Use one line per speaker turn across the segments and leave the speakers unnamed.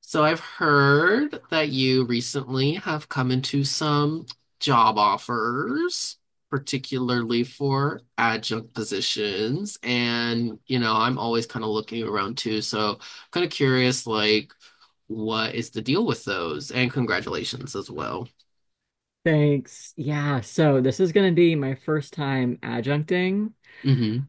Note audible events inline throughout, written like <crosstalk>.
So I've heard that you recently have come into some job offers, particularly for adjunct positions. And, you know, I'm always kind of looking around too. So kind of curious, like, what is the deal with those? And congratulations as well.
Thanks. Yeah, so this is going to be my first time adjuncting.
Hmm.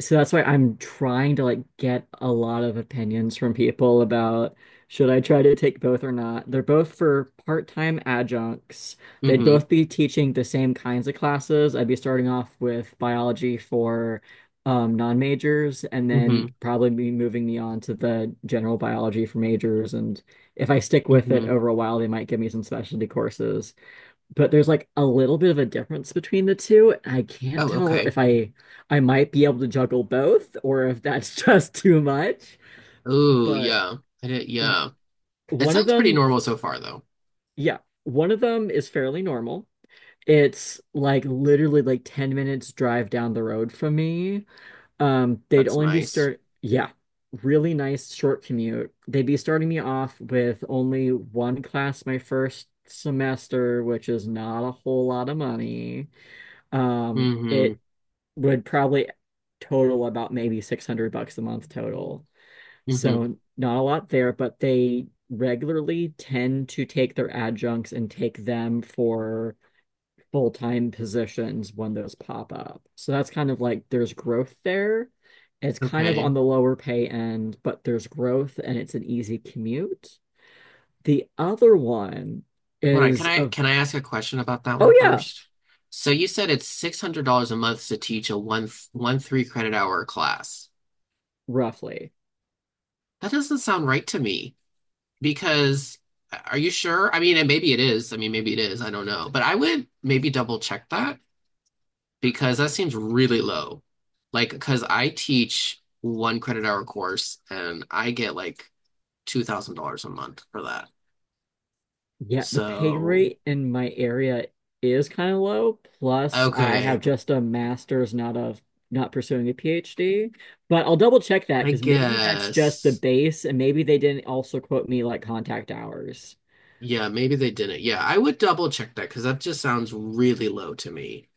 So that's why I'm trying to like get a lot of opinions from people about should I try to take both or not. They're both for part-time adjuncts. They'd
Hmm.
both be teaching the same kinds of classes. I'd be starting off with biology for non-majors and then
Hmm.
probably be moving me on to the general biology for majors. And if I stick with it
Hmm.
over a while, they might give me some specialty courses but there's like a little bit of a difference between the two. I can't
Oh,
tell
okay.
if I might be able to juggle both or if that's <laughs> just too much.
Oh,
But
yeah. I did,
w-
yeah. It
one of
sounds pretty
them,
normal so far, though.
yeah, one of them is fairly normal. It's like literally like 10 minutes drive down the road from me. They'd
That's
only
nice.
yeah, really nice short commute. They'd be starting me off with only one class my first semester, which is not a whole lot of money.
Hmm.
It would probably total about maybe 600 bucks a month total.
Hmm.
So not a lot there, but they regularly tend to take their adjuncts and take them for full-time positions when those pop up. So that's kind of like there's growth there. It's kind of on
Okay.
the lower pay end, but there's growth and it's an easy commute. The other one
Hold on, can
is
I
of,
can I ask a question about that
oh
one
yeah,
first? So you said it's $600 a month to teach a 1 1 3 credit hour class.
roughly.
That doesn't sound right to me because are you sure? I mean, and maybe it is. I mean, maybe it is. I don't know. But I would maybe double check that because that seems really low. Like, because I teach one credit hour course and I get like $2,000 a month for that.
Yeah, the pay
So,
rate in my area is kind of low. Plus, I have
okay,
just a master's, not pursuing a PhD. But I'll double check that
I
because maybe that's just the
guess.
base, and maybe they didn't also quote me like contact hours.
Yeah, maybe they didn't. Yeah, I would double check that because that just sounds really low to me.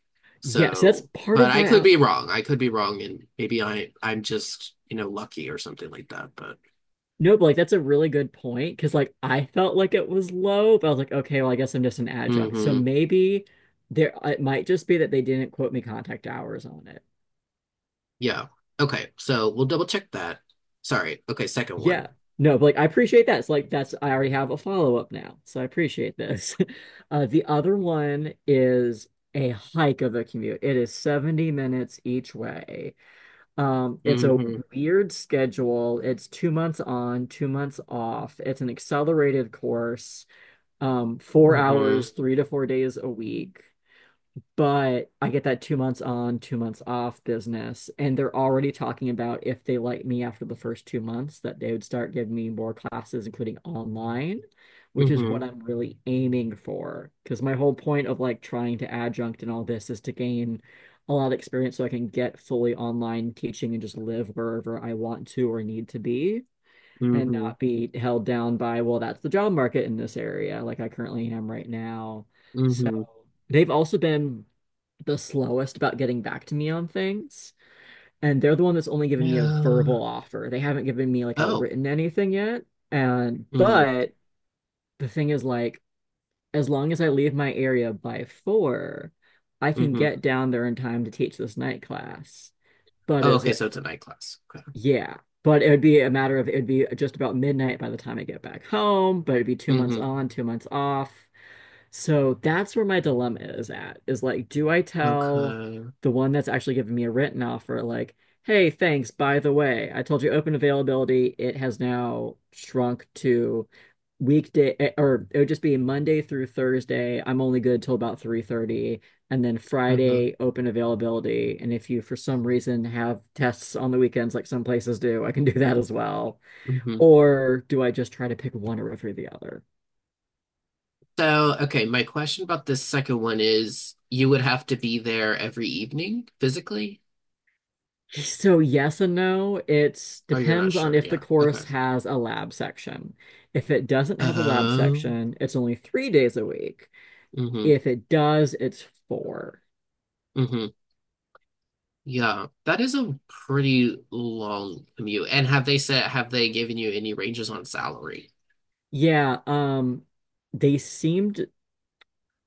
Yeah, so that's
So,
part
but
of
I
why
could
I
be wrong. I could be wrong, and maybe I'm just, you know, lucky or something like that. But
no, but like that's a really good point because like I felt like it was low, but I was like, okay, well, I guess I'm just an adjunct. So
hmm,
maybe there it might just be that they didn't quote me contact hours on.
yeah. Okay, so we'll double check that. Sorry. Okay, second one.
Yeah. No, but like I appreciate that. It's like that's I already have a follow-up now. So I appreciate this. <laughs> The other one is a hike of a commute. It is 70 minutes each way. It's a
Mm-hmm.
weird schedule. It's 2 months on, 2 months off. It's an accelerated course, four
Mm-hmm.
hours, 3 to 4 days a week but I get that 2 months on, 2 months off business. And they're already talking about if they like me after the first 2 months, that they would start giving me more classes, including online, which is
Mm-hmm.
what I'm really aiming for. Because my whole point of like trying to adjunct and all this is to gain a lot of experience so I can get fully online teaching and just live wherever I want to or need to be. And
Mm-hmm.
not be held down by, well, that's the job market in this area, like I currently am right now. So
Mm-hmm.
they've also been the slowest about getting back to me on things. And they're the one that's only given me a verbal
Yeah.
offer. They haven't given me like a
Oh.
written anything yet. And
Mm-hmm.
but the thing is like as long as I leave my area by four, I can
Mm-hmm.
get down there in time to teach this night class. But
Oh,
is
okay,
it
so it's a night class. Okay.
Yeah. But it would be just about midnight by the time I get back home, but it'd be 2 months
Mm-hmm.
on, 2 months off. So that's where my dilemma is at, is like, do I tell
Okay.
the one that's actually giving me a written offer, like, hey, thanks, by the way, I told you open availability, it has now shrunk to or it would just be Monday through Thursday. I'm only good till about 3:30, and then
Mm-hmm.
Friday open availability. And if you, for some reason, have tests on the weekends, like some places do, I can do that as well.
Mm-hmm.
Or do I just try to pick one or over the other?
So, okay, my question about this second one is you would have to be there every evening physically?
So yes and no. It
Oh, you're not
depends on
sure.
if the
Yeah. Okay.
course has a lab section. If it doesn't have a lab
Oh,
section, it's only 3 days a week.
mm-hmm.
If it does, it's four.
Mm-hmm. Yeah. That is a pretty long commute. And have they said, have they given you any ranges on salary?
Yeah, they seemed,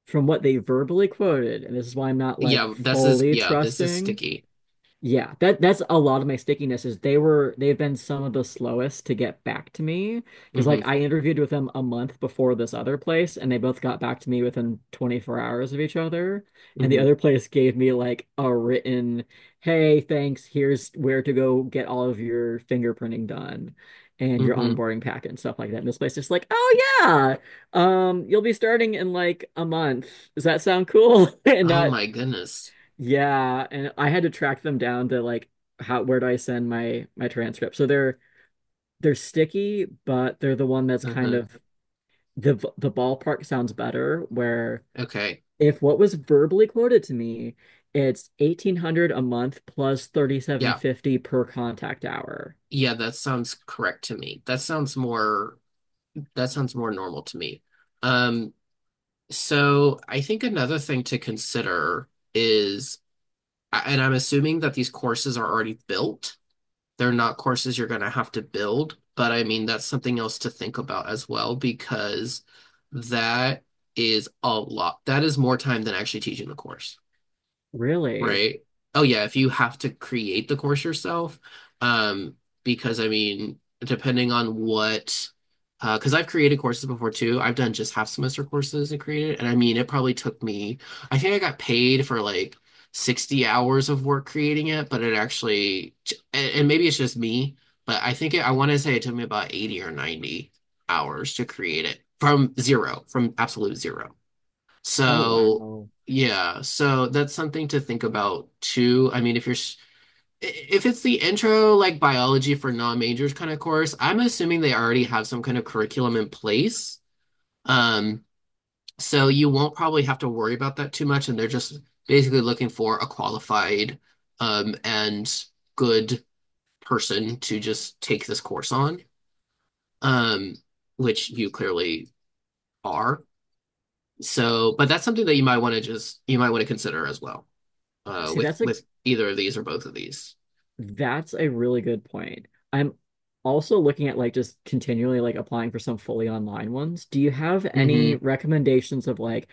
from what they verbally quoted, and this is why I'm not like fully
Yeah, this is
trusting.
sticky.
Yeah, that's a lot of my stickiness is they've been some of the slowest to get back to me because like
Mm-hmm.
I interviewed with them a month before this other place and they both got back to me within 24 hours of each other, and the
Mm-hmm.
other place gave me like a written, hey thanks, here's where to go get all of your fingerprinting done and your
Mm-hmm.
onboarding packet and stuff like that. And this place is like, oh yeah, you'll be starting in like a month, does that sound cool? <laughs> And
Oh
not.
my goodness.
Yeah, and I had to track them down to like how where do I send my transcript. So they're sticky, but they're the one that's kind
Mm-hmm.
of, the ballpark sounds better where
Okay.
if what was verbally quoted to me, it's 1800 a month plus
Yeah.
3750 per contact hour.
Yeah, that sounds correct to me. That sounds more normal to me. Um, So I think another thing to consider is, and I'm assuming that these courses are already built. They're not courses you're going to have to build, but I mean, that's something else to think about as well because that is a lot. That is more time than actually teaching the course.
Really?
Right. Oh yeah, if you have to create the course yourself, um, because I mean, depending on because I've created courses before too. I've done just half semester courses and created, and I mean, it probably took me, I think I got paid for like 60 hours of work creating it, but it actually, and maybe it's just me, but I think it, I want to say it took me about 80 or 90 hours to create it from zero, from absolute zero.
Oh
So,
wow.
yeah, so that's something to think about too. I mean, if you're s- if it's the intro like biology for non-majors kind of course, I'm assuming they already have some kind of curriculum in place. Um, so you won't probably have to worry about that too much, and they're just basically looking for a qualified and good person to just take this course on, um, which you clearly are. So, but that's something that you might want to consider as well.
See,
With either of these or both of these.
that's a really good point. I'm also looking at like just continually like applying for some fully online ones. Do you have any
Mm-hmm.
recommendations of like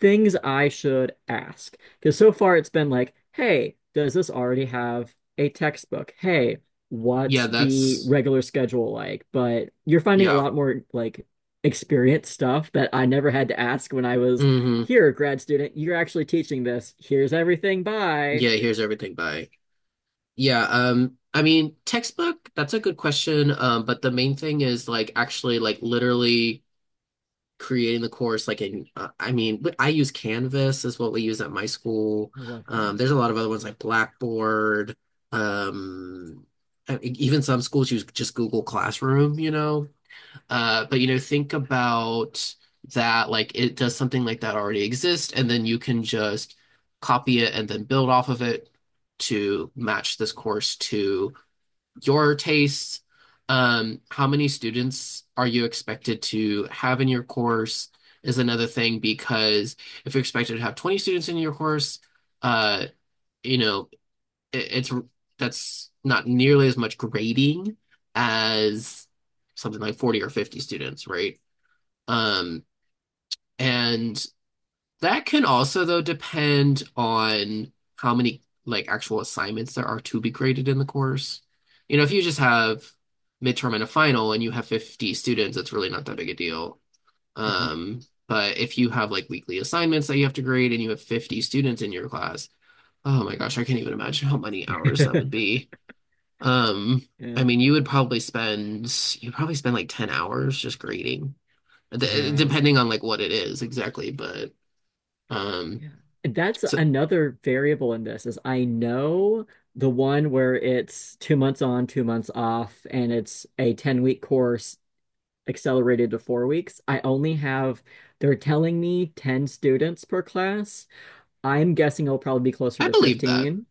things I should ask? Because so far it's been like, hey, does this already have a textbook? Hey,
Yeah,
what's the
that's
regular schedule like? But you're finding a
yeah.
lot more like experience stuff that I never had to ask when I was
Mm-hmm.
here, grad student. You're actually teaching this. Here's everything. Bye.
Yeah, here's everything by. Yeah, I mean textbook, that's a good question. But the main thing is like actually like literally creating the course like in I mean I use Canvas is what we use at my school.
I love Canvas.
There's a lot of other ones like Blackboard, um, even some schools use just Google Classroom, you know. But you know, think about that. Like, it does something like that already exist, and then you can just copy it and then build off of it to match this course to your tastes. How many students are you expected to have in your course is another thing because if you're expected to have 20 students in your course, uh, you know, it's that's not nearly as much grading as something like 40 or 50 students, right? Um, and that can also though depend on how many like actual assignments there are to be graded in the course. You know, if you just have midterm and a final and you have 50 students, it's really not that big a deal.
Mhm.
Um, but if you have like weekly assignments that you have to grade and you have 50 students in your class, oh my gosh, I can't even imagine how many hours that would
<laughs>
be. Um, I
Yeah.
mean, you probably spend like 10 hours just grading
Yeah.
depending on like what it is exactly, but um,
Yeah. That's
so
another variable in this is I know the one where it's 2 months on, 2 months off, and it's a 10-week course accelerated to 4 weeks. They're telling me 10 students per class. I'm guessing it'll probably be closer
I
to
believe that.
15.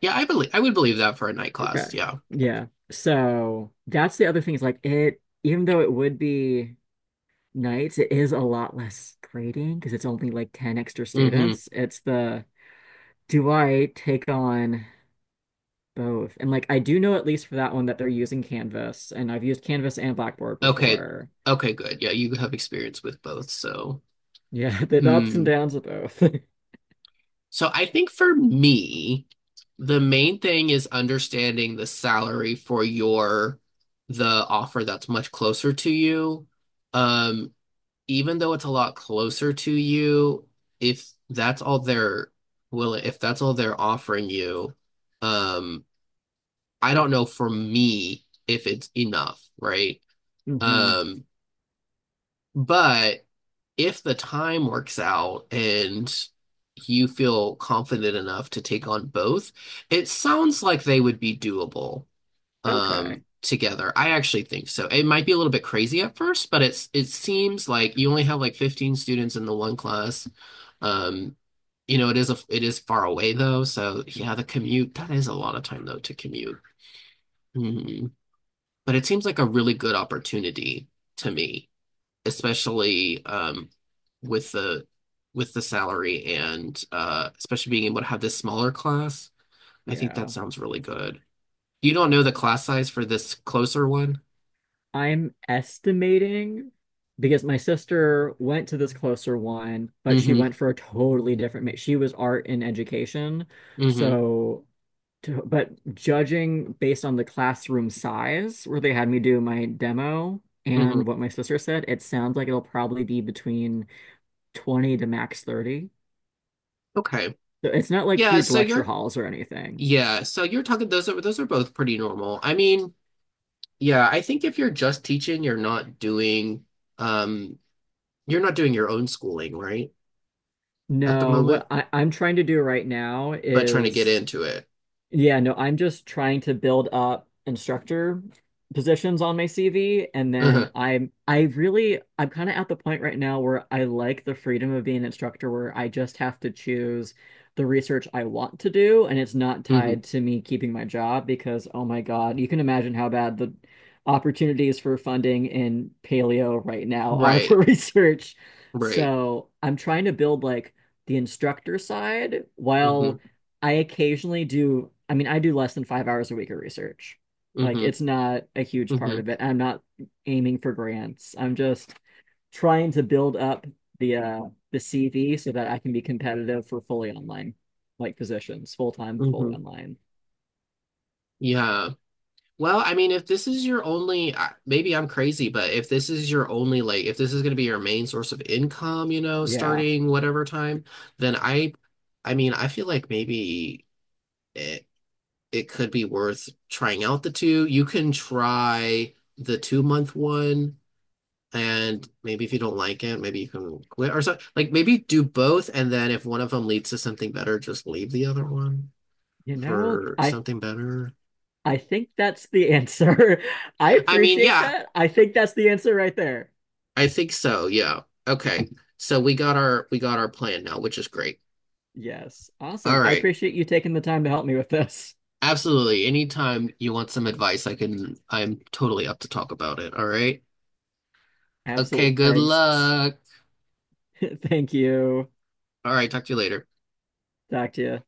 Yeah, I believe I would believe that for a night
Okay.
class. Yeah.
Yeah. So that's the other thing is like it, even though it would be nights, it is a lot less grading because it's only like 10 extra
Hmm.
students. It's the Do I take on both? And like I do know at least for that one that they're using Canvas, and I've used Canvas and Blackboard
Okay.
before.
Okay, good. Yeah, you have experience with both, so
Yeah, <laughs> the ups and
hmm.
downs of both.
So I think for me, the main thing is understanding the salary for your the offer that's much closer to you. Um, even though it's a lot closer to you, if that's all they're will if that's all they're offering you, um, I don't know for me if it's enough, right?
<laughs> Hmm.
Um, but if the time works out and you feel confident enough to take on both, it sounds like they would be doable
Okay.
together. I actually think so. It might be a little bit crazy at first, but it seems like you only have like 15 students in the one class. Um, you know, it is far away though, so yeah, the commute, that is a lot of time though to commute. Mhm. But it seems like a really good opportunity to me, especially with the salary and especially being able to have this smaller class. I think that
Yeah.
sounds really good. You don't know the class size for this closer one?
I'm estimating because my sister went to this closer one, but she
Mm-hmm.
went for a totally different she was art and education.
Mm-hmm.
So but judging based on the classroom size where they had me do my demo
Mm-hmm.
and what my sister said, it sounds like it'll probably be between 20 to max 30.
Okay.
So it's not like
Yeah,
huge
so
lecture
you're
halls or anything.
yeah, so you're talking those are both pretty normal. I mean, yeah, I think if you're just teaching, um you're not doing your own schooling, right? At the
No,
moment,
I'm trying to do right now
but trying to get
is.
into it.
Yeah, no, I'm just trying to build up instructor positions on my CV, and then
Uh-huh.
I'm I really I'm kind of at the point right now where I like the freedom of being an instructor where I just have to choose the research I want to do, and it's not
Mm-hmm.
tied to me keeping my job because oh my God, you can imagine how bad the opportunities for funding in paleo right now are for <laughs>
Right.
research.
Right.
So I'm trying to build like the instructor side
Mm-hmm.
while I mean, I do less than 5 hours a week of research. Like,
Mm-hmm.
it's not a huge part
Mm-hmm.
of it. I'm not aiming for grants. I'm just trying to build up the uh the CV so that I can be competitive for fully online, like positions, full time,
Mm-hmm.
fully online.
Yeah. Well, I mean, if this is your only, maybe I'm crazy, but if this is your only, like, if this is going to be your main source of income, you know,
Yeah.
starting whatever time, then I mean, I feel like maybe it, it could be worth trying out the two. You can try the 2 month one, and maybe if you don't like it, maybe you can quit or something. Like, maybe do both, and then if one of them leads to something better, just leave the other one
You know,
for
I
something better.
I think that's the answer. <laughs> I
I mean,
appreciate
yeah,
that. I think that's the answer right there.
I think so, yeah. Okay. So we got our plan now, which is great.
Yes.
All
Awesome. I
right.
appreciate you taking the time to help me with this.
Absolutely. Anytime you want some advice, I'm totally up to talk about it. All right. Okay,
Absolutely.
good
Thanks.
luck.
<laughs> Thank you.
All right, talk to you later.
Talk to you.